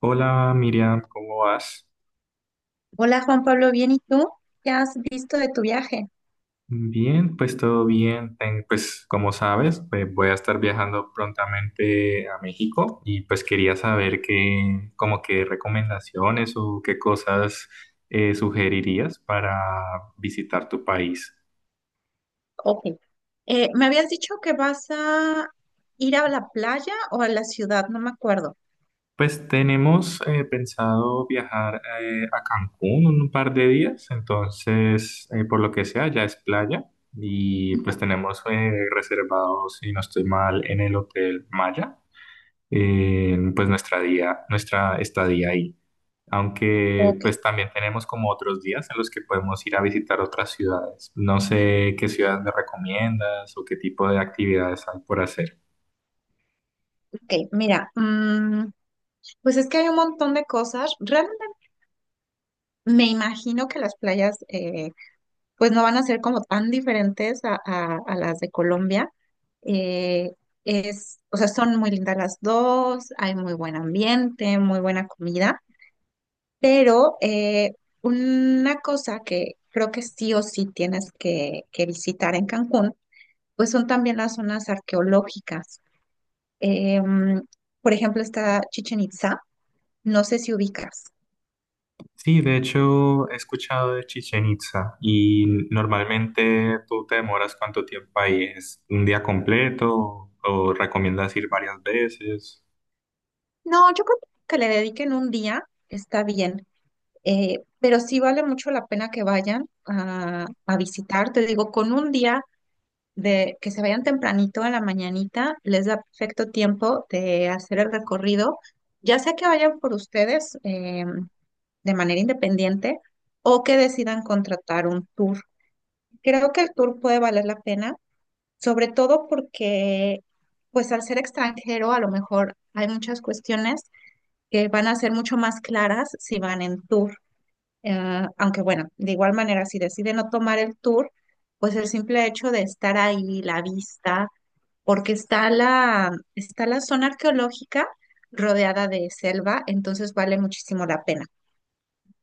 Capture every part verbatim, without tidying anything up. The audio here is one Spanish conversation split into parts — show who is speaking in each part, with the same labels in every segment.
Speaker 1: Hola Miriam, ¿cómo vas?
Speaker 2: Hola Juan Pablo, ¿bien y tú? ¿Qué has visto de tu viaje?
Speaker 1: Bien, pues todo bien. Ten- pues como sabes, pues, voy a estar viajando prontamente a México y pues quería saber qué, como qué recomendaciones o qué cosas eh, sugerirías para visitar tu país.
Speaker 2: Ok. Eh, me habías dicho que vas a ir a la playa o a la ciudad, no me acuerdo.
Speaker 1: Pues tenemos eh, pensado viajar eh, a Cancún un par de días, entonces eh, por lo que sea ya es playa y
Speaker 2: Ujú.
Speaker 1: pues tenemos eh, reservado, si no estoy mal, en el Hotel Maya, eh, pues nuestra día, nuestra estadía ahí. Aunque
Speaker 2: Ok,
Speaker 1: pues también tenemos como otros días en los que podemos ir a visitar otras ciudades. No sé qué ciudades me recomiendas o qué tipo de actividades hay por hacer.
Speaker 2: ok. Mira, mm, pues es que hay un montón de cosas. Realmente me imagino que las playas eh, pues no van a ser como tan diferentes a, a- a las de Colombia. Eh, es, o sea, son muy lindas las dos, hay muy buen ambiente, muy buena comida. Pero eh, una cosa que creo que sí o sí tienes que, que visitar en Cancún, pues son también las zonas arqueológicas. Eh, mm, por ejemplo, está Chichen Itza, no sé si ubicas.
Speaker 1: Sí, de hecho he escuchado de Chichen Itza y normalmente tú te demoras cuánto tiempo ahí, ¿es un día completo o recomiendas ir varias veces?
Speaker 2: No, yo creo que le dediquen un día, está bien. Eh, pero sí vale mucho la pena que vayan a, a visitar. Te digo, con un día de que se vayan tempranito en la mañanita, les da perfecto tiempo de hacer el recorrido, ya sea que vayan por ustedes eh, de manera independiente o que decidan contratar un tour. Creo que el tour puede valer la pena, sobre todo porque, pues al ser extranjero, a lo mejor hay muchas cuestiones que van a ser mucho más claras si van en tour. Eh, aunque bueno, de igual manera, si deciden no tomar el tour, pues el simple hecho de estar ahí, la vista, porque está la, está la zona arqueológica rodeada de selva, entonces vale muchísimo la pena.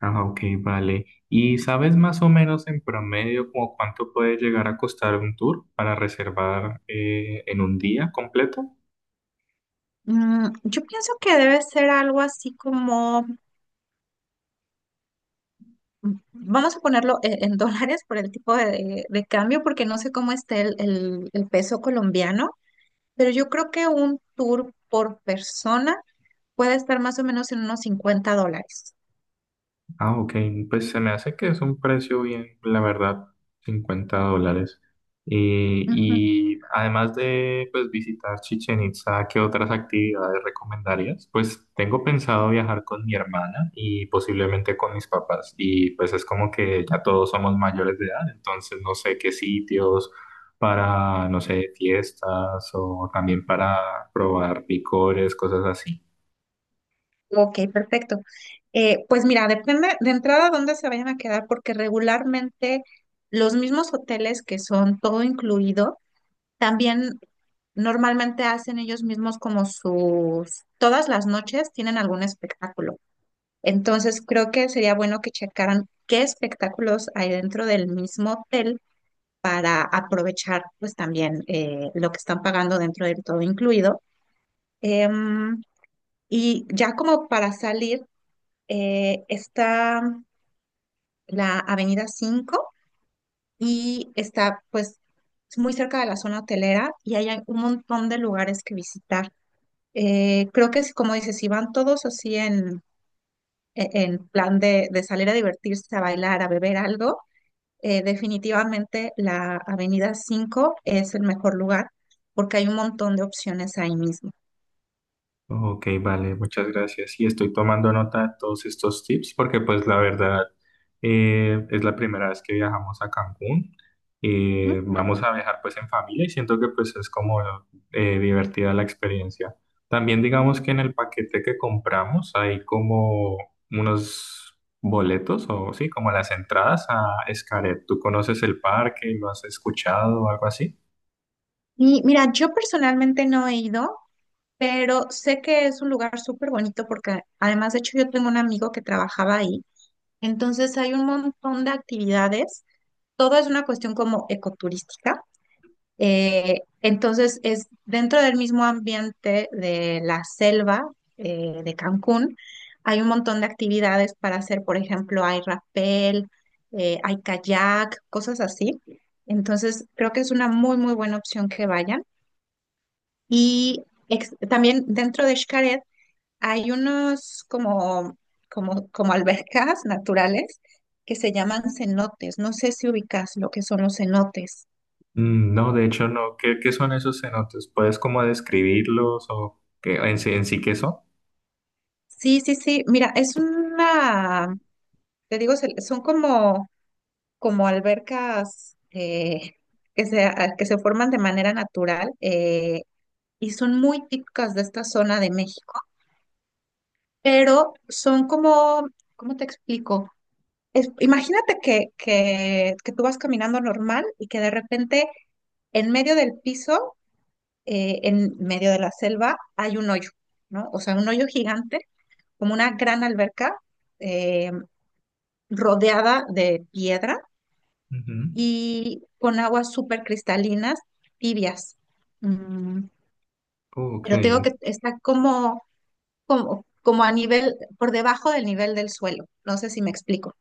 Speaker 1: Ah, ok, vale. ¿Y sabes más o menos en promedio como cuánto puede llegar a costar un tour para reservar eh, en un día completo?
Speaker 2: Mm, yo pienso que debe ser algo así como, mm, vamos a ponerlo e- en, dólares por el tipo de, de cambio, porque no sé cómo está el, el el peso colombiano, pero yo creo que un tour por persona puede estar más o menos en unos cincuenta dólares.
Speaker 1: Ah, ok, pues se me hace que es un precio bien, la verdad, cincuenta dólares. Eh, y además de pues, visitar Chichen Itza, ¿qué otras actividades recomendarías? Pues tengo pensado viajar con mi hermana y posiblemente con mis papás. Y pues es como que ya todos somos mayores de edad, entonces no sé qué sitios para, no sé, fiestas o también para probar licores, cosas así.
Speaker 2: Ok, perfecto. Eh, pues mira, depende de entrada dónde se vayan a quedar, porque regularmente los mismos hoteles que son todo incluido, también normalmente hacen ellos mismos como sus, todas las noches tienen algún espectáculo. Entonces creo que sería bueno que checaran qué espectáculos hay dentro del mismo hotel, a aprovechar pues también eh, lo que están pagando dentro del todo incluido. Em, y ya como para salir. eh, está la Avenida Cinco y está pues muy cerca de la zona hotelera y ahí hay un montón de lugares que visitar. Eh, creo que es como dices, si van todos así en, e- en plan de, de salir a divertirse, a bailar, a beber algo, eh, definitivamente la Avenida Cinco es el mejor lugar porque hay un montón de opciones ahí mismo.
Speaker 1: Ok, vale, muchas gracias. Y estoy tomando nota de todos estos tips porque pues la verdad eh, es la primera vez que viajamos a Cancún. Eh,
Speaker 2: ¿No?
Speaker 1: vamos a viajar pues en familia y siento que pues es como eh, divertida la experiencia. También digamos que en el paquete que compramos hay como unos boletos o sí, como las entradas a Xcaret. ¿Tú conoces el parque? ¿Lo has escuchado o algo así?
Speaker 2: Y mira, yo personalmente no he ido, pero sé que es un lugar súper bonito porque además, de hecho, yo tengo un amigo que trabajaba ahí, entonces hay un montón de actividades, todo es una cuestión como ecoturística, eh, entonces es dentro del mismo ambiente de la selva eh, de Cancún, hay un montón de actividades para hacer, por ejemplo, hay rappel, eh, hay kayak, cosas así, entonces creo que es una muy, muy buena opción que vayan y ex- también dentro de Xcaret, hay unos como, como, como albercas naturales que se llaman cenotes. No sé si ubicas lo que son los cenotes.
Speaker 1: Mm, no, de hecho no. ¿Qué, qué son esos cenotes? ¿Puedes como describirlos o qué, en sí, en sí qué son?
Speaker 2: Sí, sí, sí. Mira, es una, te digo, se- son como, como albercas eh, que se, a- que se forman de manera natural eh, y son muy típicas de esta zona de México, pero son como, ¿cómo te explico? es- imagínate que, que, que tú vas caminando normal y que de repente en medio del piso, eh, en medio de la selva, hay un hoyo, ¿no? O sea, un hoyo gigante, como una gran alberca eh, rodeada de piedra
Speaker 1: Ujú.
Speaker 2: y con aguas súper cristalinas, tibias. Mm,
Speaker 1: Ok,
Speaker 2: pero tengo que está como, como, como a nivel, por debajo del nivel del suelo. No sé si me explico.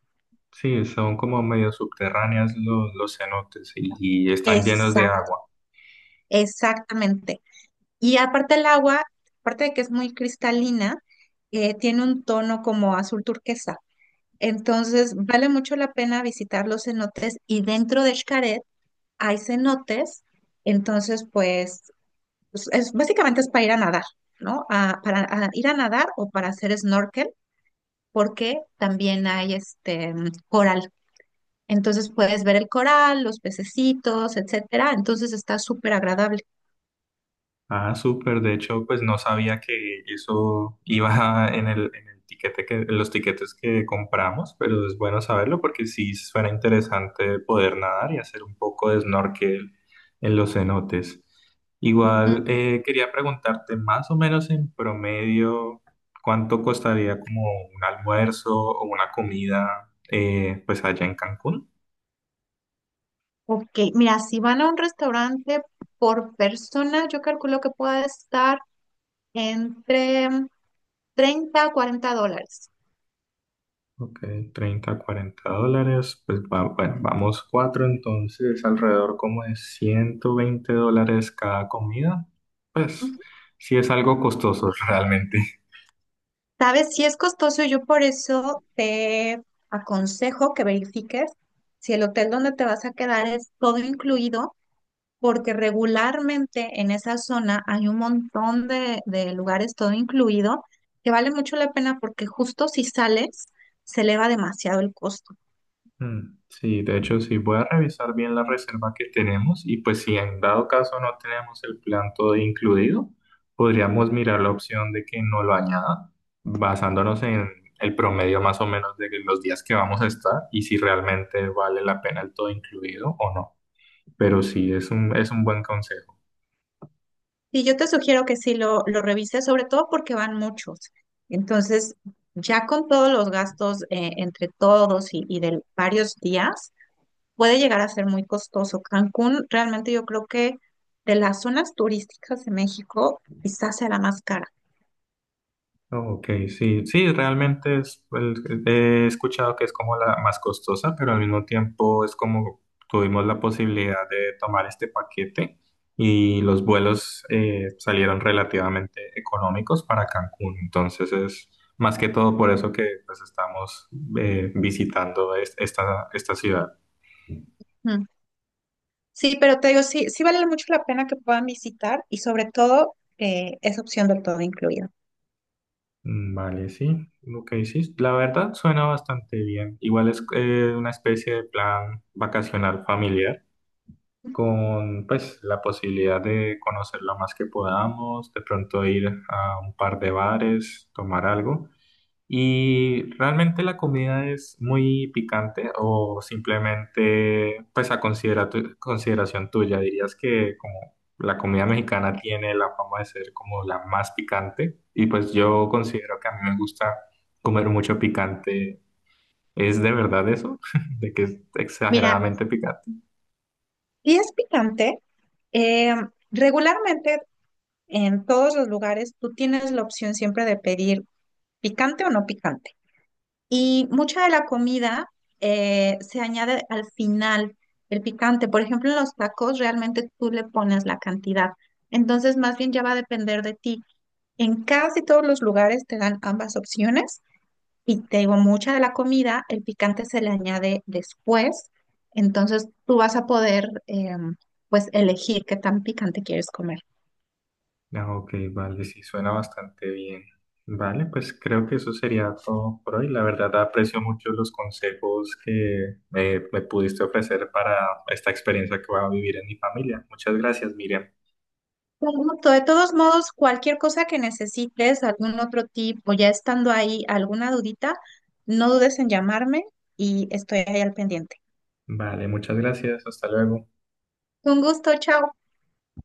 Speaker 1: sí, son como medio subterráneas los, los cenotes y, y están llenos de
Speaker 2: Exact,
Speaker 1: agua.
Speaker 2: exactamente. Y aparte el agua, aparte de que es muy cristalina, eh, tiene un tono como azul turquesa. Entonces, vale mucho la pena visitar los cenotes y dentro de Xcaret hay cenotes. Entonces, pues, pues, es, básicamente es para ir a nadar, ¿no? A- para a ir a nadar o para hacer snorkel, porque también hay este mm, coral. Entonces puedes ver el coral, los pececitos, etcétera. Entonces está súper agradable.
Speaker 1: Ah, súper. De hecho, pues no sabía que eso iba en el, en el tiquete que, en los tiquetes que compramos, pero es bueno saberlo porque sí suena interesante poder nadar y hacer un poco de snorkel en los cenotes. Igual eh, quería preguntarte más o menos en promedio cuánto costaría como un almuerzo o una comida eh, pues allá en Cancún.
Speaker 2: Ok, mira, si van a un restaurante por persona, yo calculo que puede estar entre treinta a cuarenta dólares.
Speaker 1: Ok, treinta, cuarenta dólares. Pues va- bueno, vamos cuatro, entonces alrededor como de ciento veinte dólares cada comida. Pues
Speaker 2: Ujú.
Speaker 1: sí es algo costoso realmente.
Speaker 2: Sabes, si es costoso, yo por eso te aconsejo que verifiques si el hotel donde te vas a quedar es todo incluido, porque regularmente en esa zona hay un montón de, de lugares todo incluido que vale mucho la pena porque justo si sales, se eleva demasiado el costo.
Speaker 1: Mm, sí, de hecho sí, voy a revisar bien la reserva que tenemos y pues si en dado caso no tenemos el plan todo incluido, podríamos mirar la opción de que no lo añada, basándonos en el promedio más o menos de los días que vamos a estar y si realmente vale la pena el todo incluido o no. Pero sí, es un, es un buen consejo.
Speaker 2: Sí, yo te sugiero que sí lo, lo revises, sobre todo porque van muchos. Entonces, ya con todos los gastos eh, entre todos y, y de varios días, puede llegar a ser muy costoso. Cancún, realmente yo creo que de las zonas turísticas de México, quizás sea la más cara.
Speaker 1: Ok, sí, sí, realmente es, el- he escuchado que es como la más costosa, pero al mismo tiempo es como tuvimos la posibilidad de tomar este paquete y los vuelos eh, salieron relativamente económicos para Cancún. Entonces es más que todo por eso que pues, estamos eh, visitando es- esta, esta ciudad.
Speaker 2: Mm. Sí, pero te digo, sí, sí vale mucho la pena que puedan visitar y sobre todo eh, es opción del todo incluido.
Speaker 1: Mm, vale, sí, lo que dices, la verdad suena bastante bien. Igual es eh, una especie de plan vacacional familiar con pues la posibilidad de conocer lo más que podamos, de pronto ir a un par de bares, tomar algo. Y realmente la comida es muy picante o simplemente pues a considera- tu- consideración tuya, dirías que como la comida mexicana tiene la fama de ser como la más picante y pues yo considero que a mí me gusta comer mucho picante. ¿Es de verdad eso? ¿De que es
Speaker 2: Mira,
Speaker 1: exageradamente picante?
Speaker 2: si es picante, eh, regularmente en todos los lugares tú tienes la opción siempre de pedir picante o no picante. Y mucha de la comida eh, se añade al final el picante. Por ejemplo, en los tacos realmente tú le pones la cantidad. Entonces, más bien ya va a depender de ti. En casi todos los lugares te dan ambas opciones y te digo, mucha de la comida, el picante se le añade después. Entonces, tú vas a poder, eh, pues, elegir qué tan picante quieres comer.
Speaker 1: Ah, ok, vale, sí, suena bastante bien. Vale, pues creo que eso sería todo por hoy. La verdad, aprecio mucho los consejos que me, me pudiste ofrecer para esta experiencia que voy a vivir en mi familia. Muchas gracias, Miriam.
Speaker 2: Con gusto. De todos modos, cualquier cosa que necesites, algún otro tipo, ya estando ahí, alguna dudita, no dudes en llamarme y estoy ahí al pendiente.
Speaker 1: Vale, muchas gracias. Hasta luego.
Speaker 2: Con gusto, chao.